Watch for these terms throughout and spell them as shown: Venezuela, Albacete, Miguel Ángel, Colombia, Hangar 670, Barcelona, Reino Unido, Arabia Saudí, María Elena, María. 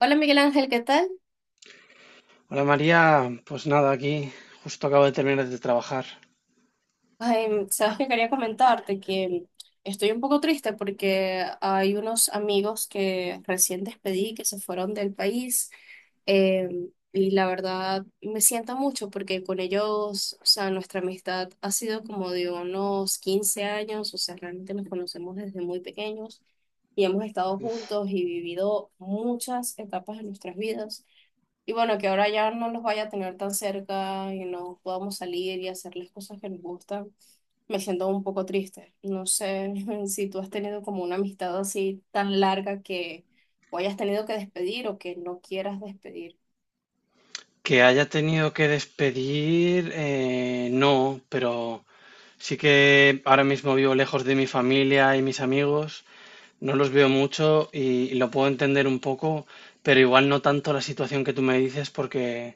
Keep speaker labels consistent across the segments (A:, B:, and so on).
A: Hola Miguel Ángel, ¿qué tal?
B: Hola María, pues nada, aquí justo acabo de terminar de trabajar.
A: Ay, sabes que quería comentarte que estoy un poco triste porque hay unos amigos que recién despedí que se fueron del país, eh, y la verdad me siento mucho porque con ellos, o sea, nuestra amistad ha sido como de unos 15 años, o sea, realmente nos conocemos desde muy pequeños y hemos estado juntos y vivido muchas etapas de nuestras vidas. Y bueno, que ahora ya no los vaya a tener tan cerca y no podamos salir y hacerles cosas que nos gustan, me siento un poco triste. No sé si tú has tenido como una amistad así tan larga que o hayas tenido que despedir o que no quieras despedir.
B: Que haya tenido que despedir, no, pero sí que ahora mismo vivo lejos de mi familia y mis amigos, no los veo mucho y lo puedo entender un poco, pero igual no tanto la situación que tú me dices porque,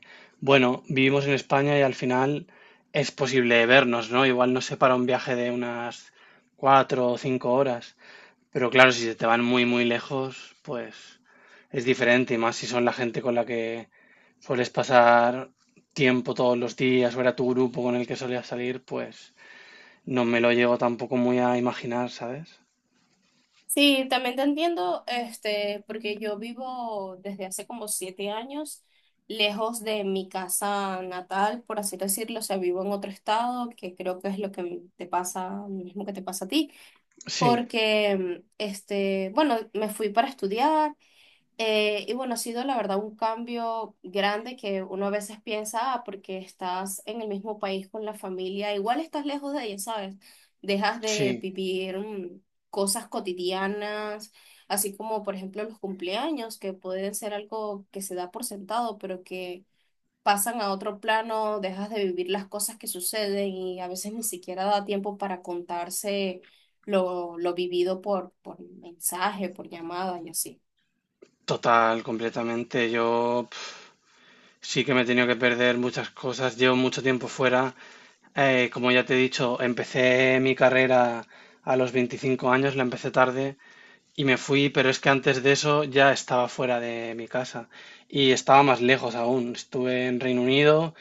B: bueno, vivimos en España y al final es posible vernos, ¿no? Igual nos separa un viaje de unas 4 o 5 horas. Pero claro, si se te van muy, muy lejos, pues es diferente, y más si son la gente con la que sueles pasar tiempo todos los días o era tu grupo con el que solías salir, pues no me lo llego tampoco muy a imaginar, ¿sabes?
A: Sí, también te entiendo, este, porque yo vivo desde hace como 7 años lejos de mi casa natal, por así decirlo, o sea, vivo en otro estado, que creo que es lo que te pasa, lo mismo que te pasa a ti
B: Sí,
A: porque, este, bueno, me fui para estudiar, y bueno, ha sido la verdad un cambio grande que uno a veces piensa, ah, porque estás en el mismo país con la familia, igual estás lejos de ella, ¿sabes? Dejas de
B: sí,
A: vivir cosas cotidianas, así como por ejemplo los cumpleaños, que pueden ser algo que se da por sentado, pero que pasan a otro plano, dejas de vivir las cosas que suceden y a veces ni siquiera da tiempo para contarse lo vivido por mensaje, por llamada y así.
B: total, completamente. Yo pf, sí que me he tenido que perder muchas cosas. Llevo mucho tiempo fuera. Como ya te he dicho, empecé mi carrera a los 25 años, la empecé tarde. Y me fui, pero es que antes de eso ya estaba fuera de mi casa y estaba más lejos aún. Estuve en Reino Unido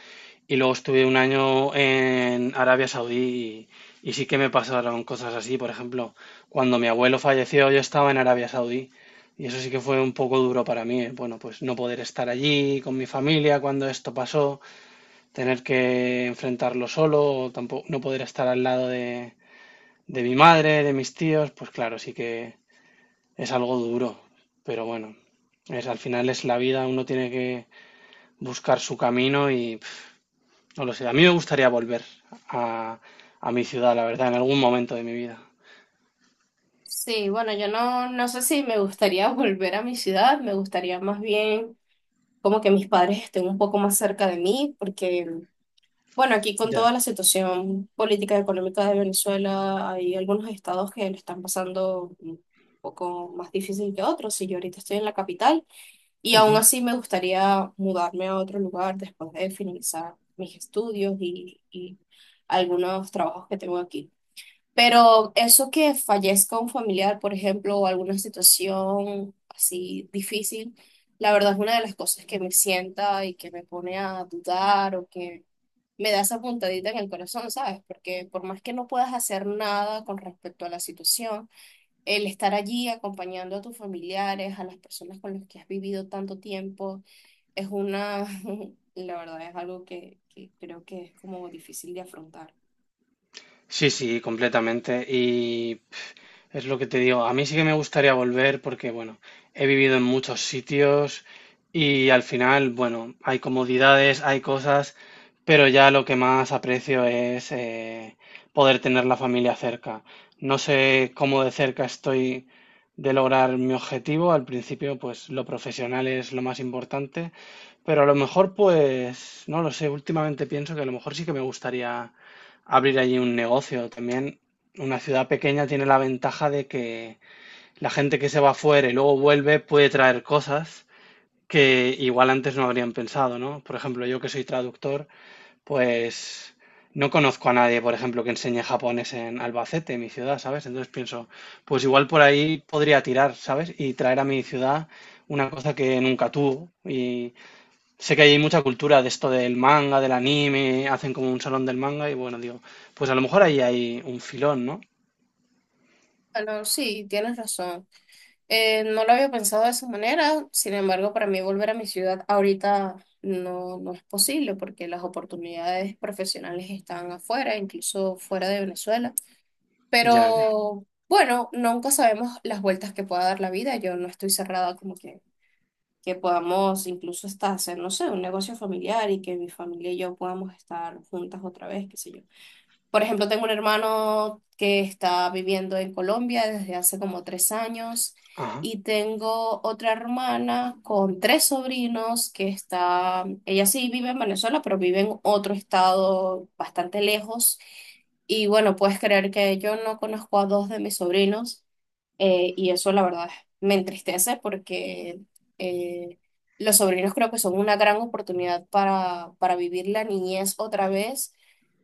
B: y luego estuve un año en Arabia Saudí y sí que me pasaron cosas así. Por ejemplo, cuando mi abuelo falleció yo estaba en Arabia Saudí y eso sí que fue un poco duro para mí. ¿Eh? Bueno, pues no poder estar allí con mi familia cuando esto pasó, tener que enfrentarlo solo, o tampoco no poder estar al lado de mi madre, de mis tíos, pues claro, sí que es algo duro, pero bueno, es, al final es la vida, uno tiene que buscar su camino y pf, no lo sé. A mí me gustaría volver a, a mi ciudad, la verdad, en algún momento de mi vida.
A: Sí, bueno, yo no sé si me gustaría volver a mi ciudad, me gustaría más bien como que mis padres estén un poco más cerca de mí, porque, bueno, aquí con
B: Ya.
A: toda la situación política y económica de Venezuela, hay algunos estados que lo están pasando un poco más difícil que otros, y yo ahorita estoy en la capital. Y aún
B: Ujú.
A: así me gustaría mudarme a otro lugar después de finalizar mis estudios y algunos trabajos que tengo aquí. Pero eso que fallezca un familiar, por ejemplo, o alguna situación así difícil, la verdad es una de las cosas que me sienta y que me pone a dudar o que me da esa puntadita en el corazón, ¿sabes? Porque por más que no puedas hacer nada con respecto a la situación, el estar allí acompañando a tus familiares, a las personas con las que has vivido tanto tiempo, es una, la verdad es algo que creo que es como difícil de afrontar.
B: Sí, sí, completamente. Y es lo que te digo, a mí sí que me gustaría volver porque, bueno, he vivido en muchos sitios y al final, bueno, hay comodidades, hay cosas, pero ya lo que más aprecio es poder tener la familia cerca. No sé cómo de cerca estoy de lograr mi objetivo. Al principio, pues lo profesional es lo más importante, pero a lo mejor, pues, no lo sé, últimamente pienso que a lo mejor sí que me gustaría abrir allí un negocio también. Una ciudad pequeña tiene la ventaja de que la gente que se va fuera y luego vuelve puede traer cosas que igual antes no habrían pensado, ¿no? Por ejemplo, yo que soy traductor, pues no conozco a nadie, por ejemplo, que enseñe japonés en Albacete, en mi ciudad, ¿sabes? Entonces pienso, pues igual por ahí podría tirar, ¿sabes? Y traer a mi ciudad una cosa que nunca tuvo. Y sé que hay mucha cultura de esto del manga, del anime, hacen como un salón del manga y bueno, digo, pues a lo mejor ahí hay un filón, ¿no?
A: Bueno, sí, tienes razón. No lo había pensado de esa manera, sin embargo, para mí volver a mi ciudad ahorita no es posible porque las oportunidades profesionales están afuera, incluso fuera de Venezuela.
B: Ya, ya.
A: Pero bueno, nunca sabemos las vueltas que pueda dar la vida. Yo no estoy cerrada como que podamos incluso hasta hacer, no sé, un negocio familiar y que mi familia y yo podamos estar juntas otra vez, qué sé yo. Por ejemplo, tengo un hermano que está viviendo en Colombia desde hace como 3 años
B: Ajá.
A: y tengo otra hermana con 3 sobrinos que está, ella sí vive en Venezuela, pero vive en otro estado bastante lejos. Y bueno, puedes creer que yo no conozco a 2 de mis sobrinos, y eso la verdad me entristece porque eh, los sobrinos creo que son una gran oportunidad para vivir la niñez otra vez,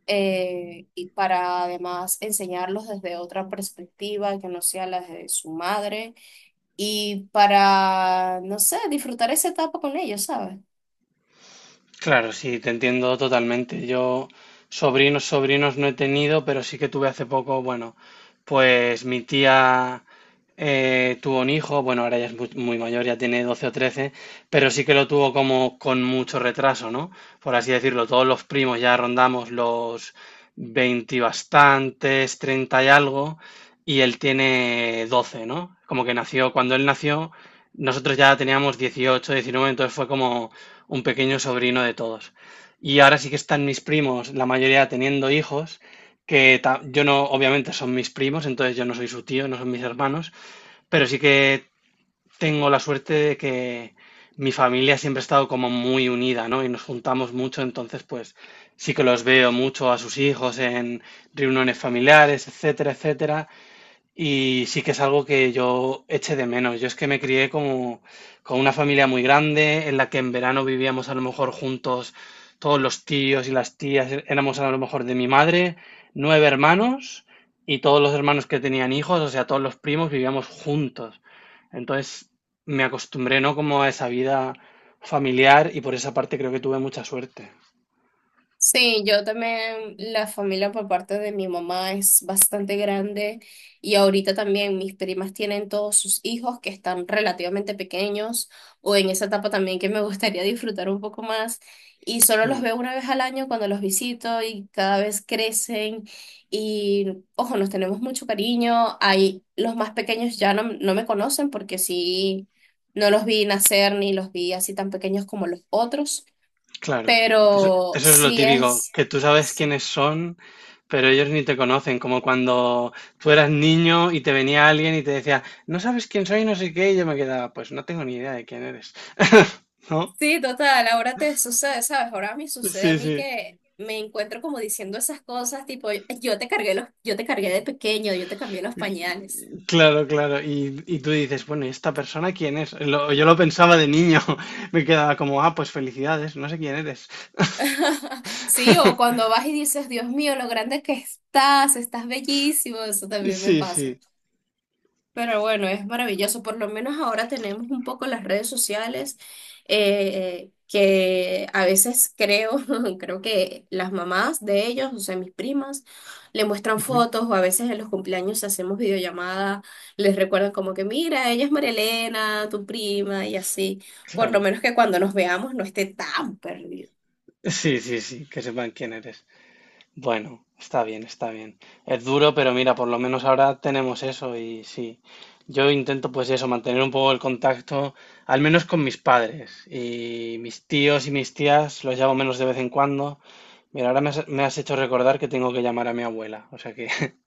A: y para además enseñarlos desde otra perspectiva que no sea la de su madre y para, no sé, disfrutar esa etapa con ellos, ¿sabes?
B: Claro, sí, te entiendo totalmente. Yo sobrinos, sobrinos no he tenido, pero sí que tuve hace poco, bueno, pues mi tía tuvo un hijo, bueno, ahora ya es muy mayor, ya tiene 12 o 13, pero sí que lo tuvo como con mucho retraso, ¿no? Por así decirlo, todos los primos ya rondamos los 20 y bastantes, 30 y algo, y él tiene 12, ¿no? Como que nació, cuando él nació, nosotros ya teníamos dieciocho, diecinueve, entonces fue como un pequeño sobrino de todos. Y ahora sí que están mis primos, la mayoría teniendo hijos, que yo no, obviamente son mis primos, entonces yo no soy su tío, no son mis hermanos, pero sí que tengo la suerte de que mi familia siempre ha estado como muy unida, ¿no? Y nos juntamos mucho, entonces pues sí que los veo mucho a sus hijos en reuniones familiares, etcétera, etcétera. Y sí que es algo que yo eché de menos. Yo es que me crié como con una familia muy grande, en la que en verano vivíamos a lo mejor juntos todos los tíos y las tías. Éramos a lo mejor de mi madre, nueve hermanos y todos los hermanos que tenían hijos, o sea, todos los primos vivíamos juntos. Entonces me acostumbré, ¿no? Como a esa vida familiar y por esa parte creo que tuve mucha suerte.
A: Sí, yo también, la familia por parte de mi mamá es bastante grande y ahorita también mis primas tienen todos sus hijos que están relativamente pequeños o en esa etapa también que me gustaría disfrutar un poco más y solo los
B: Hmm.
A: veo una vez al año cuando los visito y cada vez crecen y ojo, nos tenemos mucho cariño. Hay los más pequeños ya no me conocen porque sí, no los vi nacer ni los vi así tan pequeños como los otros,
B: Claro, eso,
A: pero
B: eso es lo
A: sí
B: típico,
A: es,
B: que tú sabes quiénes son, pero ellos ni te conocen, como cuando tú eras niño y te venía alguien y te decía, no sabes quién soy, no sé qué, y yo me quedaba, pues no tengo ni idea de quién eres, ¿no?
A: sí, total, ahora te sucede, ¿sabes? Ahora me sucede
B: Sí,
A: a mí
B: sí,
A: que me encuentro como diciendo esas cosas, tipo, yo te cargué los, yo te cargué de pequeño, yo te cambié los pañales.
B: claro, claro. Y tú dices, bueno, ¿y esta persona quién es? Yo lo pensaba de niño, me quedaba como, ah, pues felicidades, no sé quién eres.
A: Sí, o cuando vas y dices, Dios mío, lo grande que estás, estás bellísimo, eso también me
B: Sí,
A: pasa.
B: sí,
A: Pero bueno, es maravilloso. Por lo menos ahora tenemos un poco las redes sociales, que a veces creo, creo que las mamás de ellos, o sea, mis primas, le muestran
B: ujú,
A: fotos o a veces en los cumpleaños hacemos videollamada, les recuerdan como que, mira, ella es María Elena, tu prima y así. Por lo
B: claro.
A: menos que cuando nos veamos no esté tan perdido.
B: Sí, sí, sí, que sepan quién eres. Bueno, está bien, está bien. Es duro, pero mira, por lo menos ahora tenemos eso y sí. Yo intento pues eso, mantener un poco el contacto, al menos con mis padres y mis tíos y mis tías, los llamo menos de vez en cuando. Mira, ahora me has hecho recordar que tengo que llamar a mi abuela, o sea que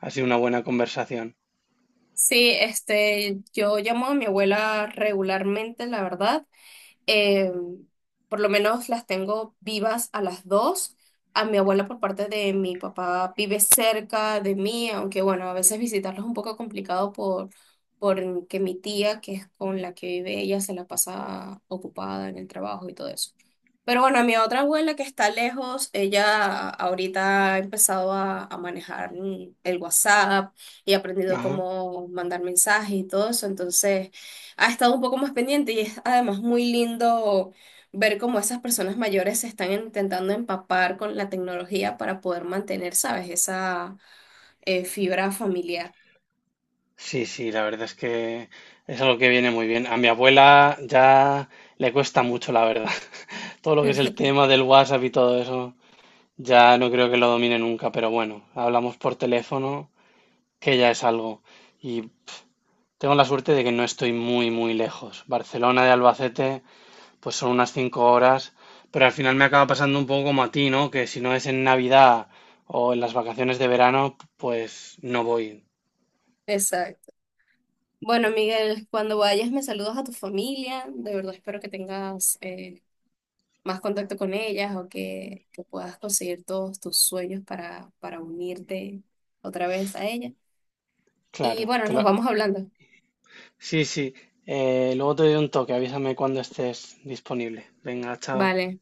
B: ha sido una buena conversación.
A: Sí, este, yo llamo a mi abuela regularmente, la verdad. Eh, por lo menos las tengo vivas a las dos. A mi abuela por parte de mi papá vive cerca de mí, aunque bueno, a veces visitarlos es un poco complicado porque mi tía, que es con la que vive ella, se la pasa ocupada en el trabajo y todo eso. Pero bueno, a mi otra abuela que está lejos, ella ahorita ha empezado a manejar el WhatsApp y ha aprendido
B: Ajá.
A: cómo mandar mensajes y todo eso, entonces ha estado un poco más pendiente y es además muy lindo ver cómo esas personas mayores se están intentando empapar con la tecnología para poder mantener, ¿sabes? Esa, fibra familiar.
B: Sí, sí, la verdad es que es algo que viene muy bien. A mi abuela ya le cuesta mucho, la verdad. Todo lo que es el tema del WhatsApp y todo eso. Ya no creo que lo domine nunca, pero bueno, hablamos por teléfono, que ya es algo. Y tengo la suerte de que no estoy muy, muy lejos. Barcelona de Albacete, pues son unas 5 horas, pero al final me acaba pasando un poco como a ti, ¿no? Que si no es en Navidad o en las vacaciones de verano, pues no voy.
A: Exacto. Bueno, Miguel, cuando vayas me saludas a tu familia. De verdad espero que tengas, más contacto con ellas o que, puedas conseguir todos tus sueños para unirte otra vez a ella. Y
B: Claro,
A: bueno,
B: te
A: nos
B: lo-
A: vamos hablando.
B: Sí, sí. Luego te doy un toque, avísame cuando estés disponible. Venga, chao.
A: Vale.